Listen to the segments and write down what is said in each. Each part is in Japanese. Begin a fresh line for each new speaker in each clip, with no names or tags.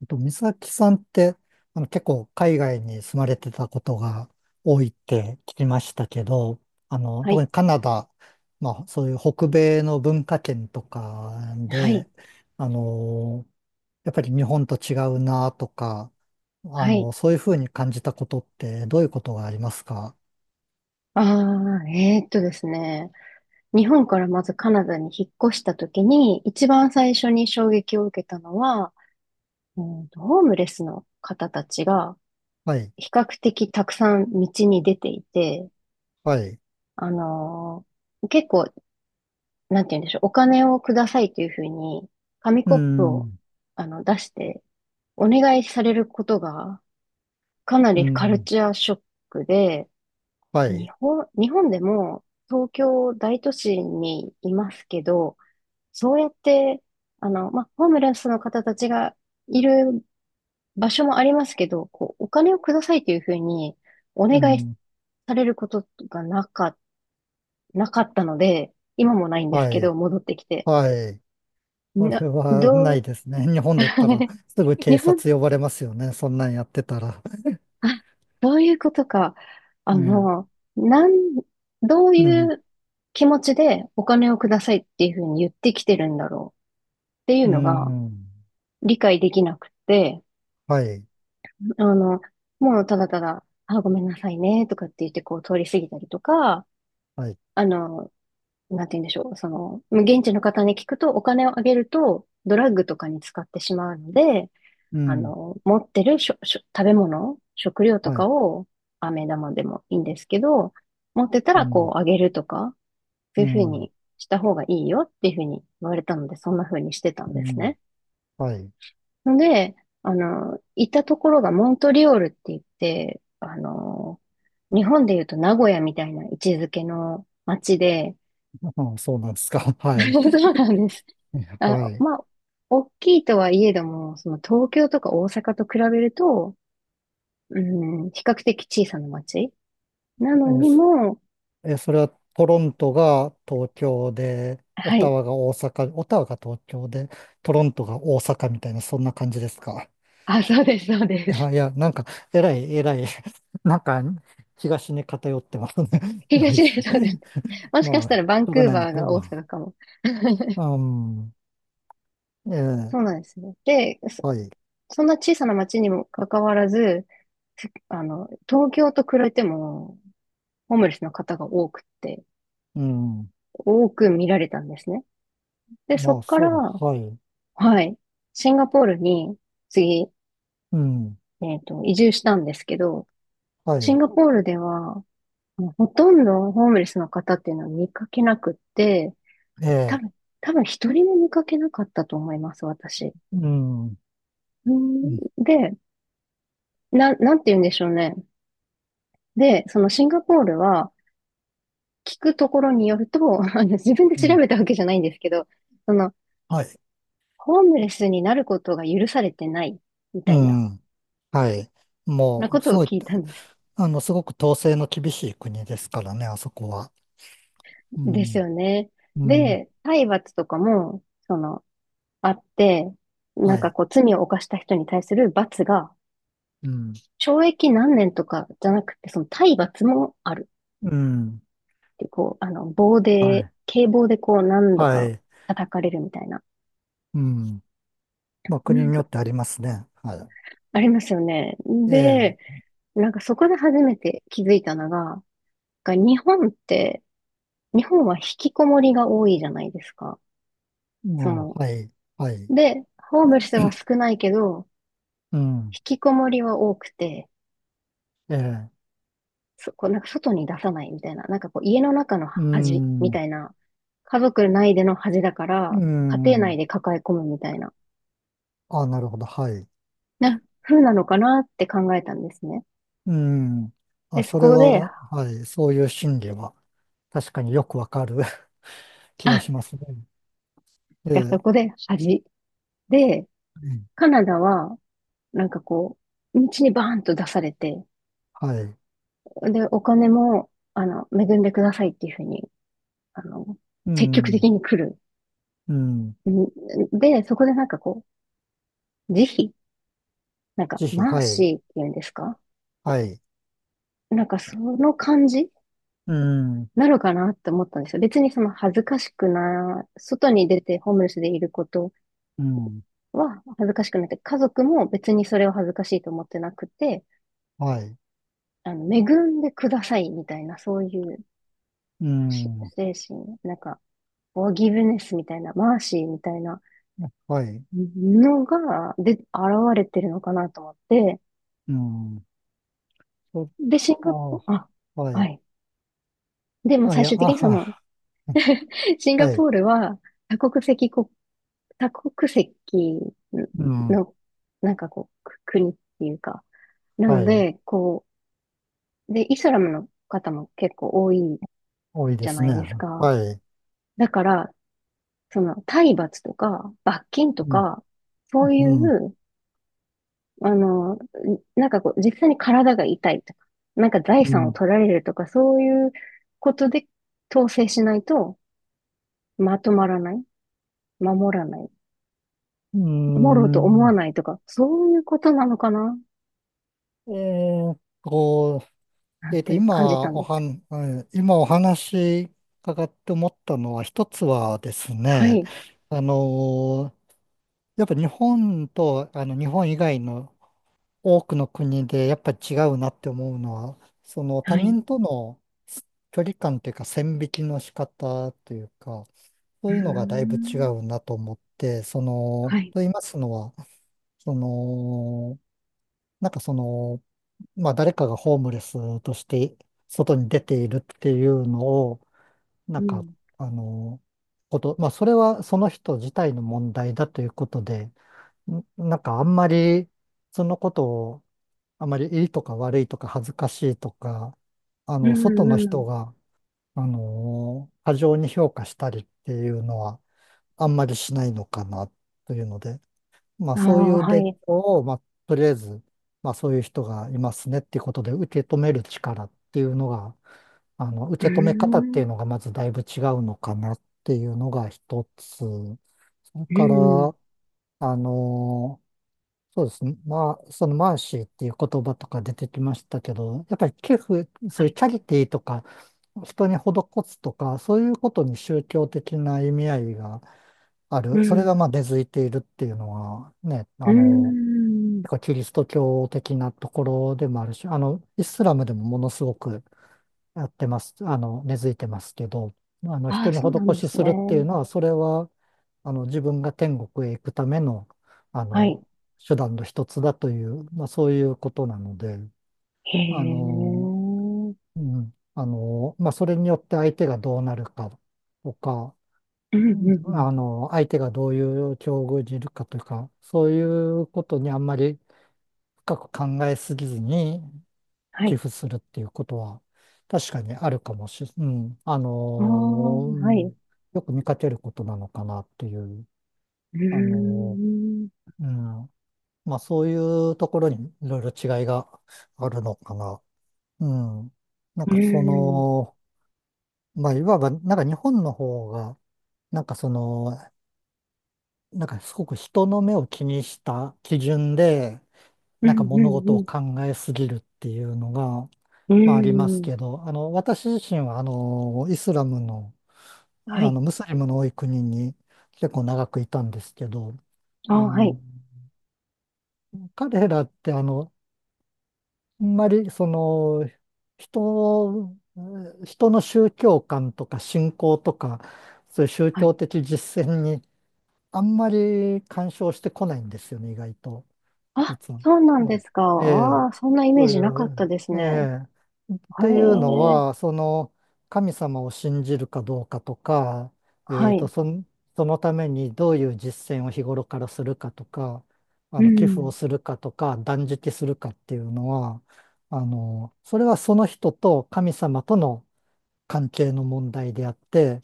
美咲さんって、結構海外に住まれてたことが多いって聞きましたけど、
は
特
い、
にカナダ、まあ、そういう北米の文化圏とか
は
で、
い、
あの、やっぱり日本と違うなとか、
はい。
そういうふうに感じたことってどういうことがありますか？
ああ。ですね。日本からまずカナダに引っ越した時に、一番最初に衝撃を受けたのは、ホームレスの方たちが
はい。
比較的たくさん道に出ていて、
はい。
あの結構、なんて言うんでしょう、お金をくださいというふうに、紙
う
コップを
ん。
出して、お願いされることがかな
う
りカル
ん。
チャーショックで、
はい。
日本でも東京大都市にいますけど、そうやって、まあ、ホームレスの方たちがいる場所もありますけど、こう、お金をくださいというふうにお
う
願い
ん。
されることがなかったので、今もないんです
は
けど、
い。
戻ってきて。
はい。
な、
それはな
ど
い
う、
ですね。日本だったら すぐ
日
警
本
察呼ばれますよね。そんなんやってたら。
あ、そういうことか。あ
ね
の、なん、どう
え。う
い
ん。
う気持ちでお金をくださいっていうふうに言ってきてるんだろうってい
う
うのが
ん。
理解できなくて、
はい。
あの、もうただただ、あ、ごめんなさいねとかって言ってこう通り過ぎたりとか、
はい。
あの、なんて言うんでしょう、その、現地の方に聞くとお金をあげるとドラッグとかに使ってしまうので、
うん。
持ってるしょ、しょ、食べ物、食料と
は
か
い。
を、飴玉でもいいんですけど、持ってた
う
らこ
ん。
うあげるとか、そ
う
ういうふう
ん。
にした方がいいよっていうふうに言われたので、そんなふうにしてた
う
んです
ん。
ね。
はい。
ので、行ったところがモントリオールって言って、日本で言うと名古屋みたいな位置づけの街で、
ああ、そうなんですか。はい。
そうなんです。
は
あ、
い。
まあ、大きいとはいえども、その東京とか大阪と比べると、うん、比較的小さな町なの
え、
に
そ
も、
え、それはトロントが東京で、オ
は
タ
い。
ワが大阪、オタワが東京で、トロントが大阪みたいな、そんな感じですか？
あ、そうです、そうです。
あ、いや、なんか、えらい、えらい、なんか、東に偏ってますね。まあ、いい
東
や。
で、そうです。もし
ま
かし
あ、
た
し
らバン
ょう
ク
が
ー
ないの
バーが大
か。
阪かも。
うん。うん。ええ。
そうなんですね。で、
はい。
そんな小さな町にもかかわらず、ふあの、東京と比べても、ホームレスの方が多くて、
うん、
多く見られたんですね。で、そ
ま
っ
あ、
か
そ
ら、
う、はい。
はい、シンガポールに次、
うん、
移住したんですけど、
は
シン
い。
ガポールでは、もうほとんどホームレスの方っていうのは見かけなくって、
え
多
え。
分、多分一人も見かけなかったと思います、私。
うん。う
うん。
ん。
で、なんて言うんでしょうね。で、そのシンガポールは聞くところによると、自分で
う
調
ん
べたわけじゃないんですけど、その、
はい。
ホームレスになることが許されてないみ
う
たいな、
ん、はい。
な
も
こ
う、
と
す
を
ごい、
聞いたんです。
すごく統制の厳しい国ですからね、あそこは。う
です
ん。
よね。
うん。
で、体罰とかも、その、あって、なん
は
か
い。
こう、罪を犯した人に対する罰が
うん。
懲役何年とかじゃなくて、その体罰もある
うん。
っていう、こう、棒
は
で、
い。
警棒でこう何度
は
か
い。
叩かれるみたいな、
うんまあ、
う
国
ん。
によってありますね。は
ありますよね。
い。え
で、
え。
なんかそこで初めて気づいたのが、日本って、日本は引きこもりが多いじゃないですか。そ
もう、
の、
はい、はい。
で、ホームレスは少ないけど、
うん、
引きこもりは多くて、
ええ、
そこうなんか外に出さないみたいな、なんかこう家の中の
う
恥みた
ん、
いな、家族内での恥だか
う
ら、家庭内
ん。
で抱え込むみたいな、
あ、なるほど、はい。
風なのかなって考えたんですね。
うん。あ、
で、そ
それ
こで、
は、はい、そういう心理は、確かによくわかる 気
あ、
が
だ
しますね。え
そ
え。
こで恥。で、
うん
カナダは、なんかこう、道にバーンと出されて、
はい。
で、お金も、恵んでくださいっていうふうに、あの、
う
積極的
ん、
に来る。
うん。
んで、そこでなんかこう、慈悲なんか、
ぜひ、
マー
はい、
シーっていうんですか
はい。
なんかその感じ
うん、
なのかなって思ったんですよ。別にその恥ずかしくな、外に出てホームレスでいること
うん、
は恥ずかしくなくて、家族も別にそれを恥ずかしいと思ってなくて、
はい。
恵んでくださいみたいな、そういう
う
し
ん、
精神、なんか、フォーギブネスみたいな、マーシーみたいな
はい。
のが、で、現れてるのかなと思って、
うん。そ、
で、シン
あ、
ガポール、あ、
は
は
い。
い。でも
あ、い
最
や、
終的にその、シン
は
ガ
い。
ポールは多国籍国多国籍
うん。
の、なんかこう、く国っていうか、なの
はい。
で、こう、で、イスラムの方も結構多い
多い
じ
で
ゃ
す
ない
ね。
ですか。
はい。
だから、その、体罰とか、罰金と
うん。
か、そうい
うん。
う、あの、なんかこう、実際に体が痛いとか、なんか財産を取られるとか、そういうことで統制しないと、まとまらない、守らない、
う
守ろうと
ん。
思わないとか、そういうことなのかな
えーっと、
なんて感じたんです。
今お話伺って思ったのは、一つはです
は
ね、
い。
あのーやっぱ日本と、日本以外の多くの国で、やっぱり違うなって思うのは、その他
はい。
人との距離感というか、線引きの仕方というか、そ
う
う
ー
いうのがだいぶ違
ん。
うなと思って、
はい。
と言いますのは、その、なんかまあ誰かがホームレスとして外に出ているっていうのを、な
う
んか、
ん。
あの、まあそれはその人自体の問題だということで、なんかあんまり、そのことを、あまりいいとか悪いとか恥ずかしいとか、
う
外の
ん、う
人
ん。
が、過剰に評価したりっていうのは、あんまりしないのかなというので、まあ
ああ、
そういう
は
伝
い。
統を、まあとりあえず、まあそういう人がいますねっていうことで受け止める力っていうのが、
うー
受け止め方っていう
ん。
のがまずだいぶ違うのかなっていうのが一つ。それ
う
か
ん。
ら、あの、そうですね。まあ、そのマーシーっていう言葉とか出てきましたけど、やっぱり寄付、そ
は
ういう
い。
チャリティーとか、人に施すとか、そういうことに宗教的な意味合いがあ
う
る、それが
ん。
まあ根付いているっていうのはね、
うーん。
結構キリスト教的なところでもあるし、イスラムでもものすごくやってます、根付いてますけど、
あ
人
あ、
に
そうなん
施
で
し
す
するっていう
ね。
のは、それは、自分が天国へ行くための、あ
はい。
の、手段の一つだという、まあそういうことなので、
へ
あ
え。う
の、
ん、うん、
まあそれによって相手がどうなるかとか、
うん。
相手がどういう境遇にいるかというか、そういうことにあんまり深く考えすぎずに
は
寄
い。
付するっていうことは、確かにあるかもしれ、うん、
ああ、
う
はい。う
ん、よく見かけることなのかなっていう、
ー
あの
ん。
ーうん、まあそういうところにいろいろ違いがあるのかな。うん、なん
うー
かそ
ん。
の、まあいわば、なんか日本の方が、なんかその、なんかすごく人の目を気にした基準で、
う
なんか
ん、う
物
ん、
事
う
を
ん。
考えすぎるっていうのが、
う
まあありま
ー
す
ん。
けど、私自身はイスラムの、
はい。
ムスリムの多い国に結構長くいたんですけど、
あ
あ
あ、はい。
の、彼らってあんまりその、人を、人の宗教観とか信仰とか、そういう宗
は
教
い。
的実践にあんまり干渉してこないんですよね、意外と。
あ、
実は。
そうなんですか。
ええ。ええ、
ああ、そんなイメ
そ
ー
うい
ジなかった
う、
です
え
ね。
え、っ
へ
ていうのは、
え。
その神様を信じるかどうかとか、え
は
ーと、
い。
その、そのためにどういう実践を日頃からするかとか、
う
寄付を
ん。
するかとか、断食するかっていうのは、それはその人と神様との関係の問題であって、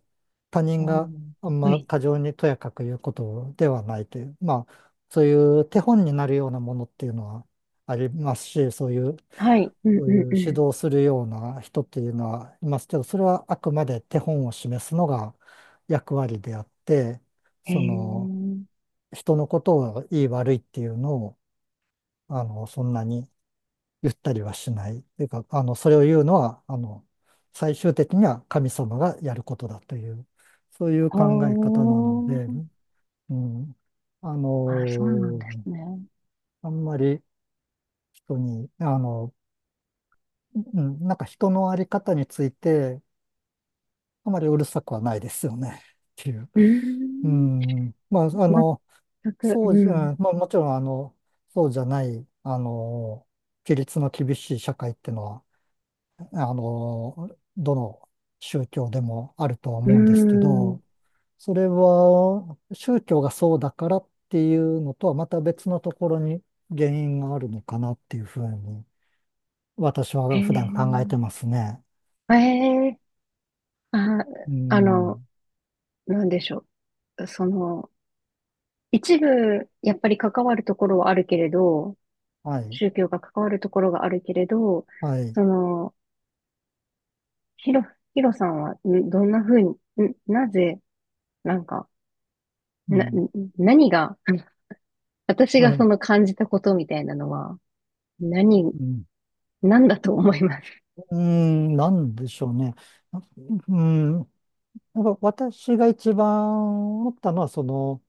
他人
お
が
ー
あん
は
ま
い。
過剰にとやかく言うことではないという、まあ、そういう手本になるようなものっていうのはありますし、そういう、
はい。うん
そう
う
い
ん
う
う
指
ん。
導するような人っていうのはいますけど、それはあくまで手本を示すのが役割であって、
へ
その、
え。
人のことをいい悪いっていうのを、そんなに言ったりはしない。というか、それを言うのは、最終的には神様がやることだという、そういう
ほ
考え方なので、
ー。
うん、あの
あ、そうなんで
ー
すね。
あんまり人に、うん、なんか人のあり方について、あまりうるさくはないですよね。っていう。
うー
う
ん。
ん、まあ、あの、
全く、う
そうじ
ん。
ゃ、うんまあ、もちろん、そうじゃない、規律の厳しい社会っていうのは、あの、どの宗教でもあるとは
うー
思うんですけ
ん。
ど、それは宗教がそうだからっていうのとはまた別のところに原因があるのかなっていうふうに私
へ
は普段考えてま
え。
すね。
ええ。あ、
う
あの、
ん。
なんでしょう。その、一部、やっぱり関わるところはあるけれど、
はい。
宗教が関わるところがあるけれど、
はい。
その、ヒロ、ヒロさんは、んどんなふうに、んなぜ、なんか、
う
な、
ん。
何が、私
は
がそ
い。
の感じたことみたいなのは、何、
うん。
なんだと思います。
なんでしょうね。なうん。やっぱ私が一番思ったのは、その、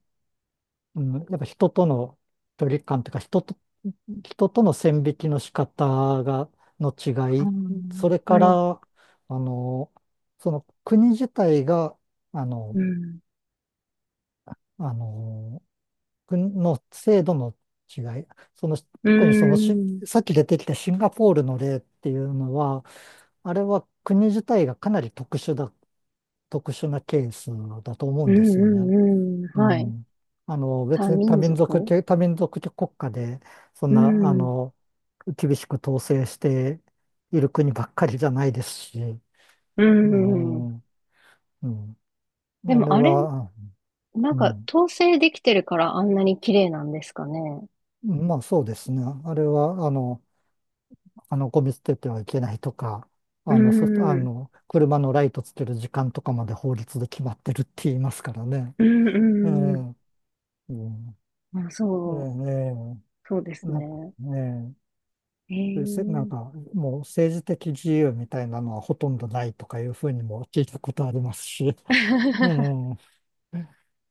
うん、やっぱ人との距離感というか、人との線引きの仕方が、の違
ああ
い、それか
はい。
ら、の、その国自体が、あ
う
の、
ん。
あの、国の制度の違い、その、
う
特にそのし、
ん。
さっき出てきたシンガポールの例っていうのは、あれは国自体がかなり特殊だ、特殊なケースだと思う
う
ん
ん
ですよね。
うんうん。
う
はい。
ん。
多
別に
民族
多民族国家で、そ
う
んな、
ん。
厳しく統制している国ばっかりじゃないですし、
うん。
ーうん。
で
あ
も
れ
あれ、
は、
なん
う
か
ん。
統制できてるからあんなに綺麗なんですかね。
まあそうですね。あれは、ゴミ捨ててはいけないとか、
う
あの、そ、あ
ん。
の、車のライトつける時間とかまで法律で決まってるって言いますからね。
う
え
んう
んうん。
ん。あ、
えー
そう。
えね
そうで
え
す
なんか
ね。
ね
へ
そういうせなん
え。
か、もう政治的自由みたいなのはほとんどないとかいうふうにも聞いたことありますし、うん。う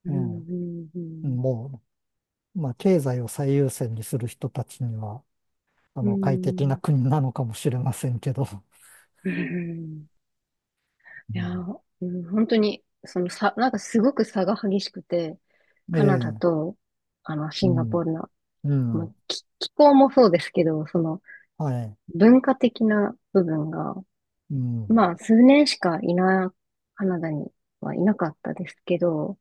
うん
ん。
うんうん。
もう、まあ、経済を最優先にする人たちには、
う
快適な
ん。
国なのかもしれませんけど、
うん。
う
いや
ん。
ー、うん本当に、その差、なんかすごく差が激しくて、
え
カナダ
え、
と、シ
う
ンガポ
ん、
ールの、
う
まあ、
ん、
気候もそうですけど、その、
はい、
文化的な部分が、
うん、
まあ、数年しかいな、カナダにはいなかったですけど、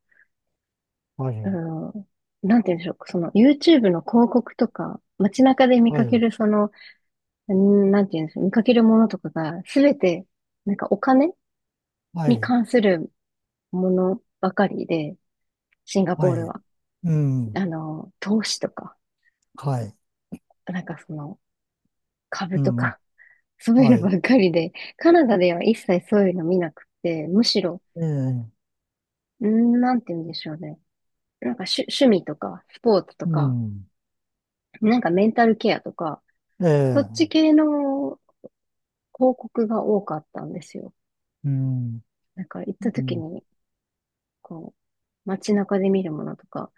は
う
い、
ん、なんて言うんでしょう、その、YouTube の広告とか、街中で見
は
かけ
い、
る、その、うんなんて言うんでしょう、見かけるものとかが、すべて、なんかお金
は
に
い、
関するものばかりで、シンガポ
は
ール
い、
は、
うん、
投資とか、
はい、
なんか株
う
と
ん、
か、そうい
は
うの
い、
ばっかりで、カナダでは一切そういうの見なくて、むしろ、
ええ、
んなんて言うんでしょうね。なんか趣味とか、スポーツと
う
か、
ん、
なんかメンタルケアとか、
え
そっち
え、
系の広告が多かったんですよ。
うん、
なんか行っ
う
た時
ん、
に、こう、街中で見るものとか、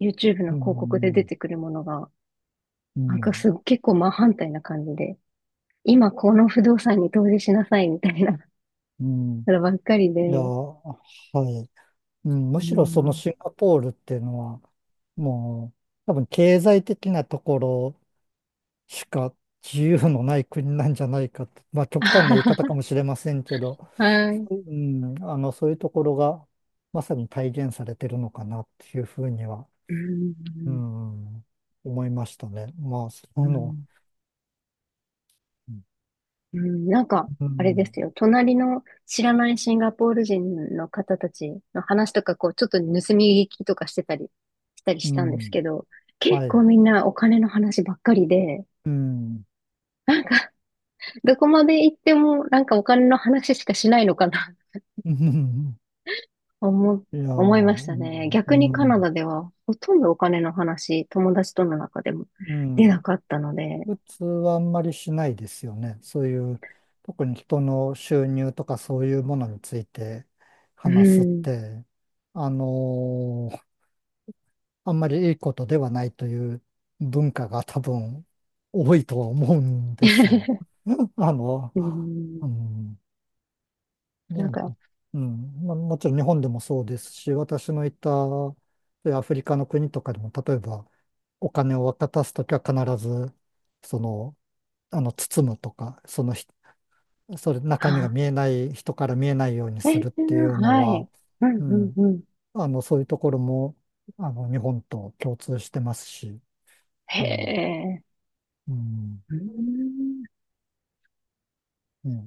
YouTube の
う
広告で出
ん、
てくるものが、
う
なんか
ん。
結構真反対な感じで、今この不動産に投資しなさいみたいな
うん。
のばっかり
いや、
で。
はい。うん、む
う
しろその
ん。
シンガポールっていうのは、もう、多分経済的なところしか自由のない国なんじゃないかと、まあ極端な言い方か もしれませんけど、
はい。
そういう、うん、そういうところがまさに体現されてるのかなっていうふうには、
う
う
ん。
ん、思いましたね。まあ、
うん。うん、なんか、
う
あれで
ん、
すよ。隣の知らないシンガポール人の方たちの話とか、こう、ちょっと盗み聞きとかしてたり、したり
う
したんです
ん、
けど、結
は
構
い、
みんなお金の話ばっかりで、
うん、
どこまで行ってもなんかお金の話しかしないのかな
うん
思、
いやー、う
思いましたね。
ん、う
逆にカナダ
ん、
ではほとんどお金の話、友達との中でも
う
出
ん。
なかったので、
普通はあんまりしないですよね。そういう、特に人の収入とかそういうものについて
う
話すっ
ん。
て、あのーあんまりいいことではないという文化が多分多いとは思うんですよ。あの、
う
う
ん。
ん、ね、
なん
なん
か、
かうん、まあ、もちろん日本でもそうですし、私のいたそういうアフリカの国とかでも、例えばお金を渡すときは必ず、その、包むとか、そのひ、それ、中身が
あ、
見えない、人から見えないようにするっていうの
は
は、
い。うん、
う
うん、
ん、
うん。
そういうところも、日本と共通してますし、
へ
うん、
え。
うん、
うん
ね